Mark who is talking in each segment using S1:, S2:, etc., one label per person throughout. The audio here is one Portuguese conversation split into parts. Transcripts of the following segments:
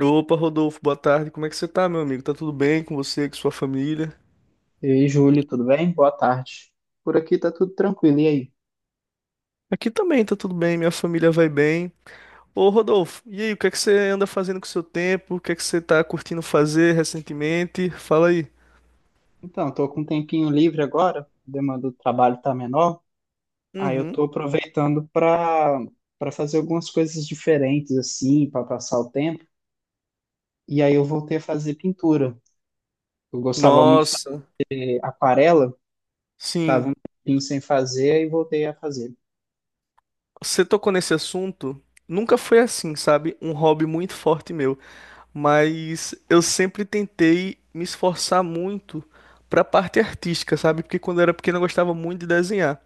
S1: Opa, Rodolfo, boa tarde. Como é que você tá, meu amigo? Tá tudo bem com você, com sua família?
S2: E aí, Júlio, tudo bem? Boa tarde. Por aqui tá tudo tranquilo, e aí?
S1: Aqui também tá tudo bem, minha família vai bem. Ô, Rodolfo, e aí, o que é que você anda fazendo com o seu tempo? O que é que você tá curtindo fazer recentemente? Fala aí.
S2: Então, tô com um tempinho livre agora, a demanda do trabalho tá menor, aí eu
S1: Uhum.
S2: tô aproveitando para fazer algumas coisas diferentes assim, para passar o tempo. E aí eu voltei a fazer pintura. Eu gostava muito de
S1: Nossa,
S2: fazer aquarela, tava
S1: sim.
S2: um tempinho sem fazer e voltei a fazer.
S1: Você tocou nesse assunto? Nunca foi assim, sabe? Um hobby muito forte meu. Mas eu sempre tentei me esforçar muito pra parte artística, sabe? Porque quando eu era pequeno eu gostava muito de desenhar.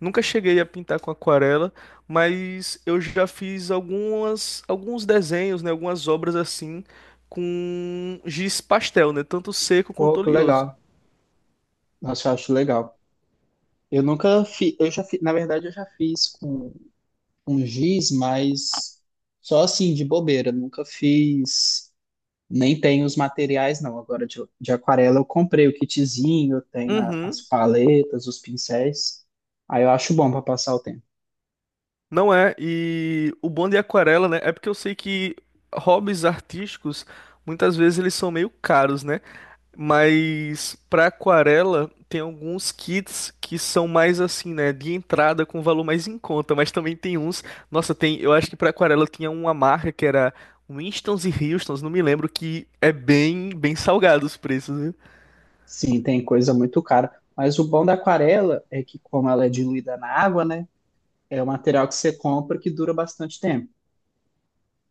S1: Nunca cheguei a pintar com aquarela, mas eu já fiz alguns desenhos, né? Algumas obras assim com giz pastel, né? Tanto seco quanto
S2: Pô, que
S1: oleoso.
S2: legal. Nossa, eu acho legal. Eu nunca fiz, eu já fiz, na verdade eu já fiz com giz, mas só assim, de bobeira. Nunca fiz, nem tenho os materiais, não. Agora de aquarela eu comprei o kitzinho, eu tenho as
S1: Uhum.
S2: paletas, os pincéis. Aí eu acho bom para passar o tempo.
S1: Não é, e o bom de aquarela, né? É porque eu sei que hobbies artísticos, muitas vezes eles são meio caros, né? Mas para aquarela tem alguns kits que são mais assim, né, de entrada com valor mais em conta, mas também tem uns, nossa, tem, eu acho que para aquarela tinha uma marca que era Winstons e Houstons, não me lembro que é bem, bem salgado os preços, viu?
S2: Sim, tem coisa muito cara. Mas o bom da aquarela é que, como ela é diluída na água, né? É um material que você compra que dura bastante tempo.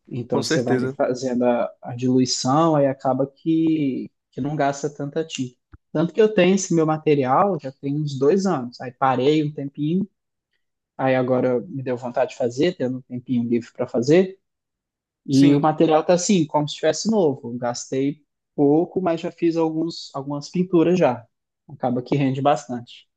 S2: Então
S1: Com
S2: você vai ali
S1: certeza.
S2: fazendo a diluição, aí acaba que não gasta tanta tinta. Tanto que eu tenho esse meu material já tem uns dois anos. Aí parei um tempinho, aí agora me deu vontade de fazer, tendo um tempinho livre para fazer. E o
S1: Sim.
S2: material tá assim, como se estivesse novo. Gastei pouco, mas já fiz alguns, algumas pinturas já. Acaba que rende bastante.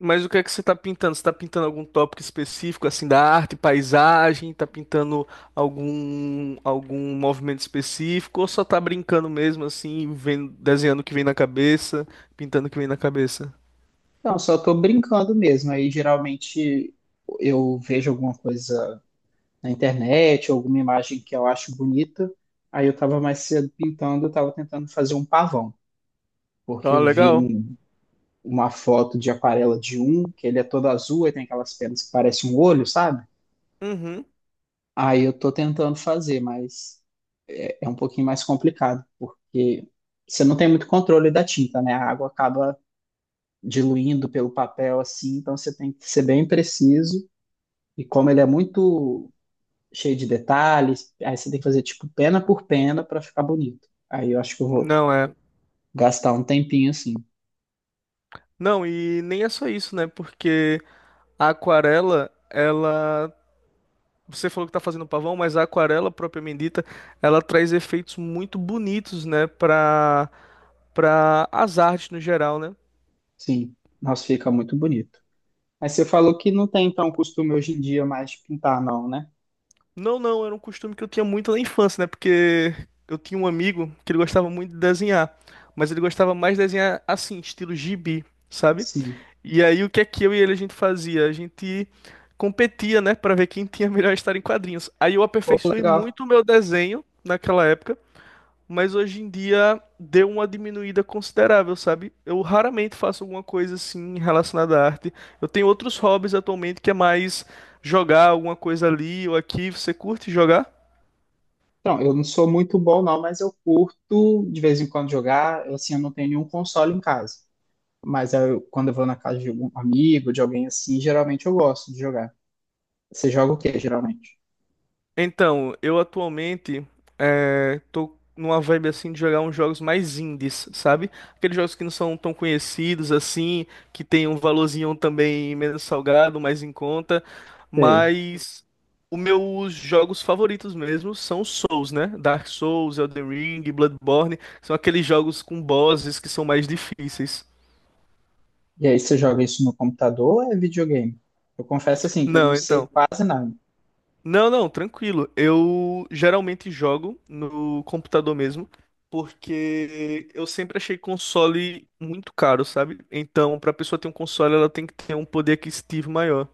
S1: Mas o que é que você está pintando? Você está pintando algum tópico específico, assim, da arte, paisagem? Está pintando algum movimento específico? Ou só está brincando mesmo, assim, vendo, desenhando o que vem na cabeça, pintando o que vem na cabeça?
S2: Então, só estou brincando mesmo. Aí geralmente eu vejo alguma coisa na internet, ou alguma imagem que eu acho bonita. Aí eu estava mais cedo pintando, eu estava tentando fazer um pavão, porque
S1: Ah,
S2: eu vi
S1: legal.
S2: uma foto de aquarela de um, que ele é todo azul e tem aquelas penas que parecem um olho, sabe?
S1: Uhum.
S2: Aí eu estou tentando fazer, mas é um pouquinho mais complicado, porque você não tem muito controle da tinta, né? A água acaba diluindo pelo papel assim, então você tem que ser bem preciso. E como ele é muito cheio de detalhes. Aí você tem que fazer tipo pena por pena para ficar bonito. Aí eu acho que eu vou
S1: Não é.
S2: gastar um tempinho assim.
S1: Não, e nem é só isso, né? Porque a aquarela, ela. Você falou que tá fazendo pavão, mas a aquarela propriamente dita, ela traz efeitos muito bonitos, né? Para as artes no geral, né?
S2: Sim, nossa, fica muito bonito. Mas você falou que não tem então costume hoje em dia mais de pintar, não, né?
S1: Não, não, era um costume que eu tinha muito na infância, né? Porque eu tinha um amigo que ele gostava muito de desenhar, mas ele gostava mais de desenhar assim, estilo gibi, sabe?
S2: Sim.
S1: E aí o que é que eu e ele a gente fazia? A gente competia, né, pra ver quem tinha a melhor história em quadrinhos. Aí eu
S2: Pô,
S1: aperfeiçoei
S2: legal.
S1: muito o meu desenho naquela época, mas hoje em dia deu uma diminuída considerável, sabe? Eu raramente faço alguma coisa assim relacionada à arte. Eu tenho outros hobbies atualmente, que é mais jogar alguma coisa ali ou aqui. Você curte jogar?
S2: Então, eu não sou muito bom, não, mas eu curto de vez em quando jogar. Eu, assim, eu não tenho nenhum console em casa. Quando eu vou na casa de algum amigo, de alguém assim, geralmente eu gosto de jogar. Você joga o quê, geralmente?
S1: Então, eu atualmente tô numa vibe assim de jogar uns jogos mais indies, sabe? Aqueles jogos que não são tão conhecidos assim, que tem um valorzinho também menos salgado, mais em conta, mas os meus jogos favoritos mesmo são os Souls, né? Dark Souls, Elden Ring, Bloodborne, são aqueles jogos com bosses que são mais difíceis.
S2: E aí você joga isso no computador ou é videogame? Eu confesso assim que eu não
S1: Não,
S2: sei
S1: então.
S2: quase nada.
S1: Não, não, tranquilo. Eu geralmente jogo no computador mesmo, porque eu sempre achei console muito caro, sabe? Então, pra pessoa ter um console, ela tem que ter um poder aquisitivo maior.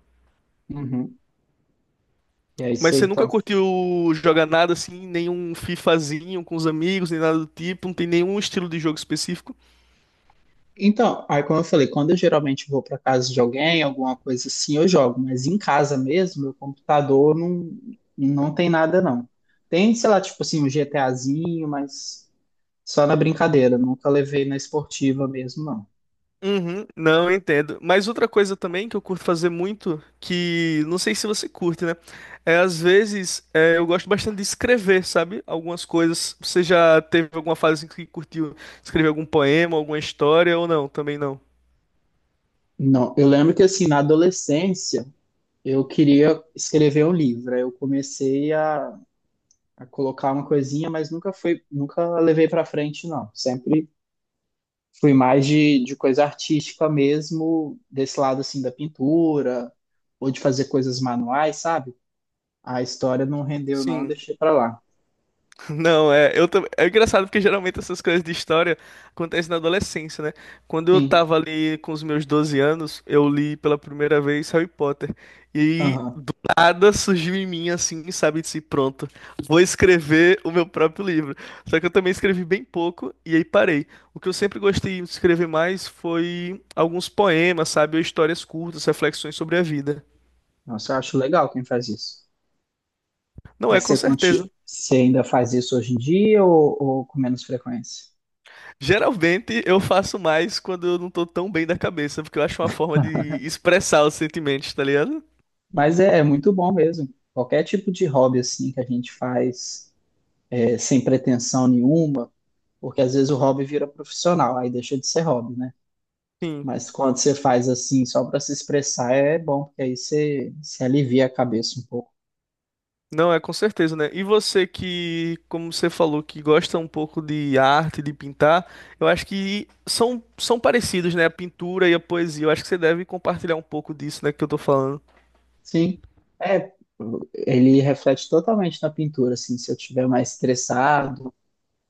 S2: Uhum. E aí
S1: Mas
S2: você
S1: você nunca
S2: então.
S1: curtiu jogar nada assim, nenhum FIFAzinho com os amigos, nem nada do tipo, não tem nenhum estilo de jogo específico?
S2: Então, aí como eu falei, quando eu geralmente vou para casa de alguém, alguma coisa assim, eu jogo, mas em casa mesmo, meu computador não tem nada não. Tem, sei lá, tipo assim, um GTAzinho, mas só na brincadeira, nunca levei na esportiva mesmo, não.
S1: Uhum, não, eu entendo. Mas outra coisa também que eu curto fazer muito, que não sei se você curte, né? É, às vezes é, eu gosto bastante de escrever, sabe? Algumas coisas. Você já teve alguma fase em que curtiu escrever algum poema, alguma história ou não? Também não.
S2: Não, eu lembro que assim, na adolescência, eu queria escrever um livro. Aí eu comecei a colocar uma coisinha, mas nunca foi, nunca levei para frente, não. Sempre fui mais de coisa artística mesmo, desse lado assim da pintura, ou de fazer coisas manuais, sabe? A história não rendeu, não, eu
S1: Sim.
S2: deixei para lá.
S1: Não, é engraçado, porque geralmente essas coisas de história acontecem na adolescência, né? Quando eu
S2: Sim,
S1: tava ali com os meus 12 anos, eu li pela primeira vez Harry Potter. E
S2: aham.
S1: do nada surgiu em mim assim, sabe, disse, pronto, vou escrever o meu próprio livro. Só que eu também escrevi bem pouco e aí parei. O que eu sempre gostei de escrever mais foi alguns poemas, sabe, ou histórias curtas, reflexões sobre a vida.
S2: Nossa, eu acho legal quem faz isso.
S1: Não é,
S2: Mas
S1: com certeza.
S2: você ainda faz isso hoje em dia ou com menos frequência?
S1: Geralmente eu faço mais quando eu não tô tão bem da cabeça, porque eu acho uma forma de expressar os sentimentos, tá ligado?
S2: Mas é muito bom mesmo. Qualquer tipo de hobby assim que a gente faz é, sem pretensão nenhuma. Porque às vezes o hobby vira profissional, aí deixa de ser hobby, né?
S1: Sim.
S2: Mas quando você faz assim, só para se expressar, é bom, porque aí você se alivia a cabeça um pouco.
S1: Não, é com certeza, né? E você que, como você falou, que gosta um pouco de arte, de pintar, eu acho que são parecidos, né? A pintura e a poesia. Eu acho que você deve compartilhar um pouco disso, né, que eu tô falando.
S2: Sim, é, ele reflete totalmente na pintura, assim, se eu estiver mais estressado,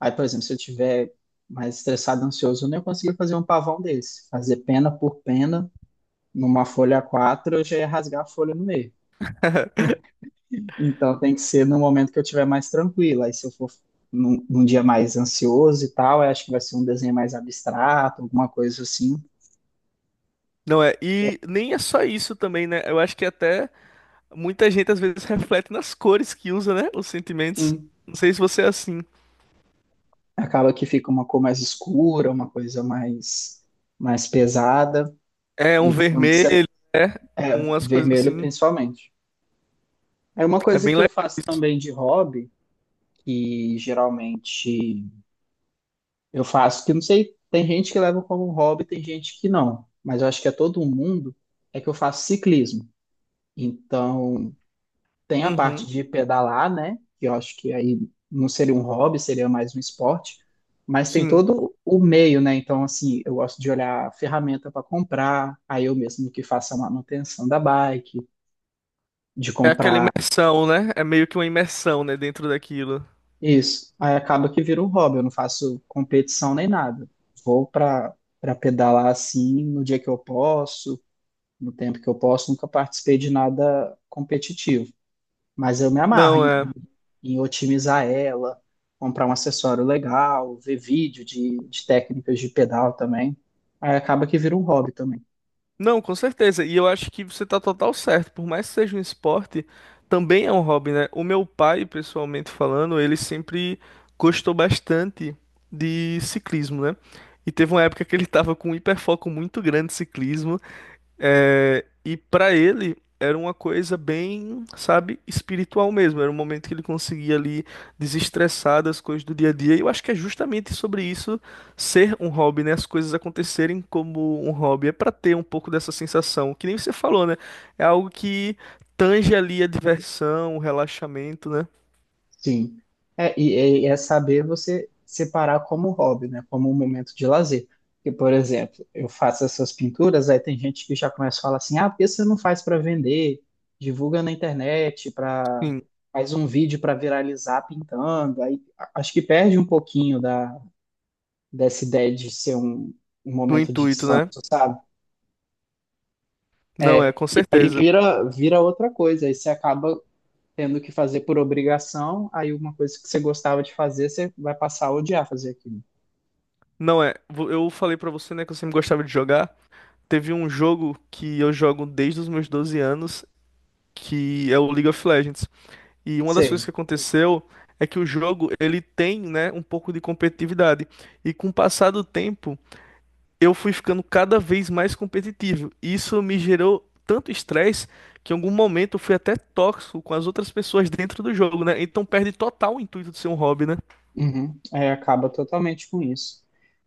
S2: aí, por exemplo, se eu estiver mais estressado, ansioso, eu nem consegui fazer um pavão desse. Fazer pena por pena, numa folha A4, eu já ia rasgar a folha no meio. Então tem que ser no momento que eu estiver mais tranquila. Aí se eu for num dia mais ansioso e tal, eu acho que vai ser um desenho mais abstrato, alguma coisa assim.
S1: Não é? E nem é só isso também, né? Eu acho que até muita gente às vezes reflete nas cores que usa, né? Os sentimentos.
S2: Sim.
S1: Não sei se você é assim.
S2: Acaba que fica uma cor mais escura, uma coisa mais pesada.
S1: É um
S2: E quando você.
S1: vermelho, né?
S2: É, o
S1: Umas coisas
S2: vermelho
S1: assim.
S2: principalmente. É uma
S1: É
S2: coisa
S1: bem
S2: que eu
S1: legal
S2: faço
S1: isso.
S2: também de hobby, que geralmente eu faço, que eu não sei, tem gente que leva como hobby, tem gente que não. Mas eu acho que é todo mundo, é que eu faço ciclismo. Então, tem a parte
S1: Uhum,
S2: de pedalar, né? Que eu acho que aí não seria um hobby, seria mais um esporte. Mas tem
S1: sim.
S2: todo o meio, né? Então, assim, eu gosto de olhar a ferramenta para comprar, aí eu mesmo que faço a manutenção da bike, de
S1: É aquela
S2: comprar
S1: imersão, né? É meio que uma imersão, né, dentro daquilo.
S2: isso. Aí acaba que vira um hobby, eu não faço competição nem nada. Vou para pedalar assim no dia que eu posso, no tempo que eu posso, nunca participei de nada competitivo. Mas eu me amarro
S1: Não, é.
S2: em otimizar ela, comprar um acessório legal, ver vídeo de técnicas de pedal também. Aí acaba que vira um hobby também.
S1: Não, com certeza. E eu acho que você tá total certo. Por mais que seja um esporte, também é um hobby, né? O meu pai, pessoalmente falando, ele sempre gostou bastante de ciclismo, né? E teve uma época que ele tava com um hiperfoco muito grande de ciclismo. É, e para ele era uma coisa bem, sabe, espiritual mesmo. Era um momento que ele conseguia ali desestressar das coisas do dia a dia. E eu acho que é justamente sobre isso ser um hobby, né? As coisas acontecerem como um hobby. É para ter um pouco dessa sensação, que nem você falou, né? É algo que tange ali a diversão, o relaxamento, né?
S2: Sim. É, e é saber você separar como hobby, né? Como um momento de lazer. Porque, por exemplo, eu faço essas pinturas, aí tem gente que já começa a falar assim, ah, por que você não faz para vender? Divulga na internet, para
S1: Sim,
S2: faz um vídeo para viralizar pintando. Acho que perde um pouquinho dessa ideia de ser um, um
S1: do
S2: momento de
S1: intuito,
S2: descanso,
S1: né?
S2: sabe?
S1: Não é,
S2: É,
S1: com
S2: e aí
S1: certeza.
S2: vira outra coisa, aí você acaba tendo que fazer por obrigação, aí uma coisa que você gostava de fazer, você vai passar a odiar fazer aquilo.
S1: Não é. Eu falei pra você, né, que eu sempre gostava de jogar. Teve um jogo que eu jogo desde os meus 12 anos, que é o League of Legends. E uma das coisas que
S2: Sim.
S1: aconteceu é que o jogo ele tem, né, um pouco de competitividade. E com o passar do tempo, eu fui ficando cada vez mais competitivo. E isso me gerou tanto estresse que em algum momento eu fui até tóxico com as outras pessoas dentro do jogo, né? Então perde total o intuito de ser um hobby, né?
S2: Uhum. É, acaba totalmente com isso.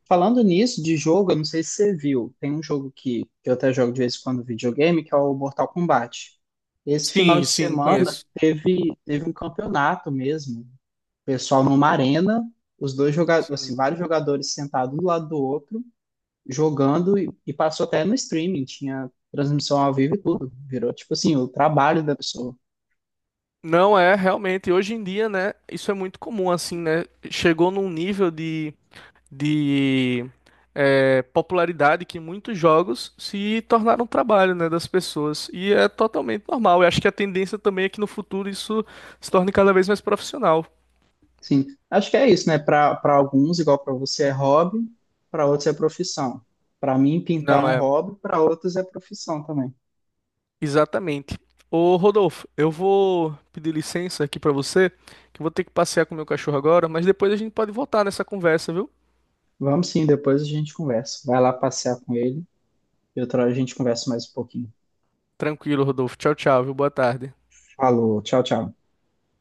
S2: Falando nisso, de jogo, eu não sei se você viu, tem um jogo que eu até jogo de vez em quando videogame, que é o Mortal Kombat. Esse final
S1: Sim,
S2: de
S1: sim,
S2: semana
S1: conheço.
S2: teve um campeonato mesmo pessoal numa arena, os dois jogadores, assim,
S1: Sim.
S2: vários jogadores sentados um do lado do outro, jogando e passou até no streaming, tinha transmissão ao vivo e tudo. Virou tipo assim, o trabalho da pessoa.
S1: Não é, realmente. Hoje em dia, né? Isso é muito comum, assim, né? Chegou num nível de popularidade, que muitos jogos se tornaram um trabalho, né, das pessoas. E é totalmente normal. Eu acho que a tendência também é que no futuro isso se torne cada vez mais profissional.
S2: Sim, acho que é isso, né? Para alguns, igual para você é hobby, para outros é profissão. Para mim, pintar é
S1: Não
S2: um
S1: é?
S2: hobby, para outros é profissão também.
S1: Exatamente. Ô Rodolfo, eu vou pedir licença aqui pra você, que eu vou ter que passear com o meu cachorro agora, mas depois a gente pode voltar nessa conversa, viu?
S2: Vamos sim, depois a gente conversa. Vai lá passear com ele e outra hora a gente conversa mais um pouquinho.
S1: Tranquilo, Rodolfo. Tchau, tchau, viu? Boa tarde.
S2: Falou, tchau, tchau.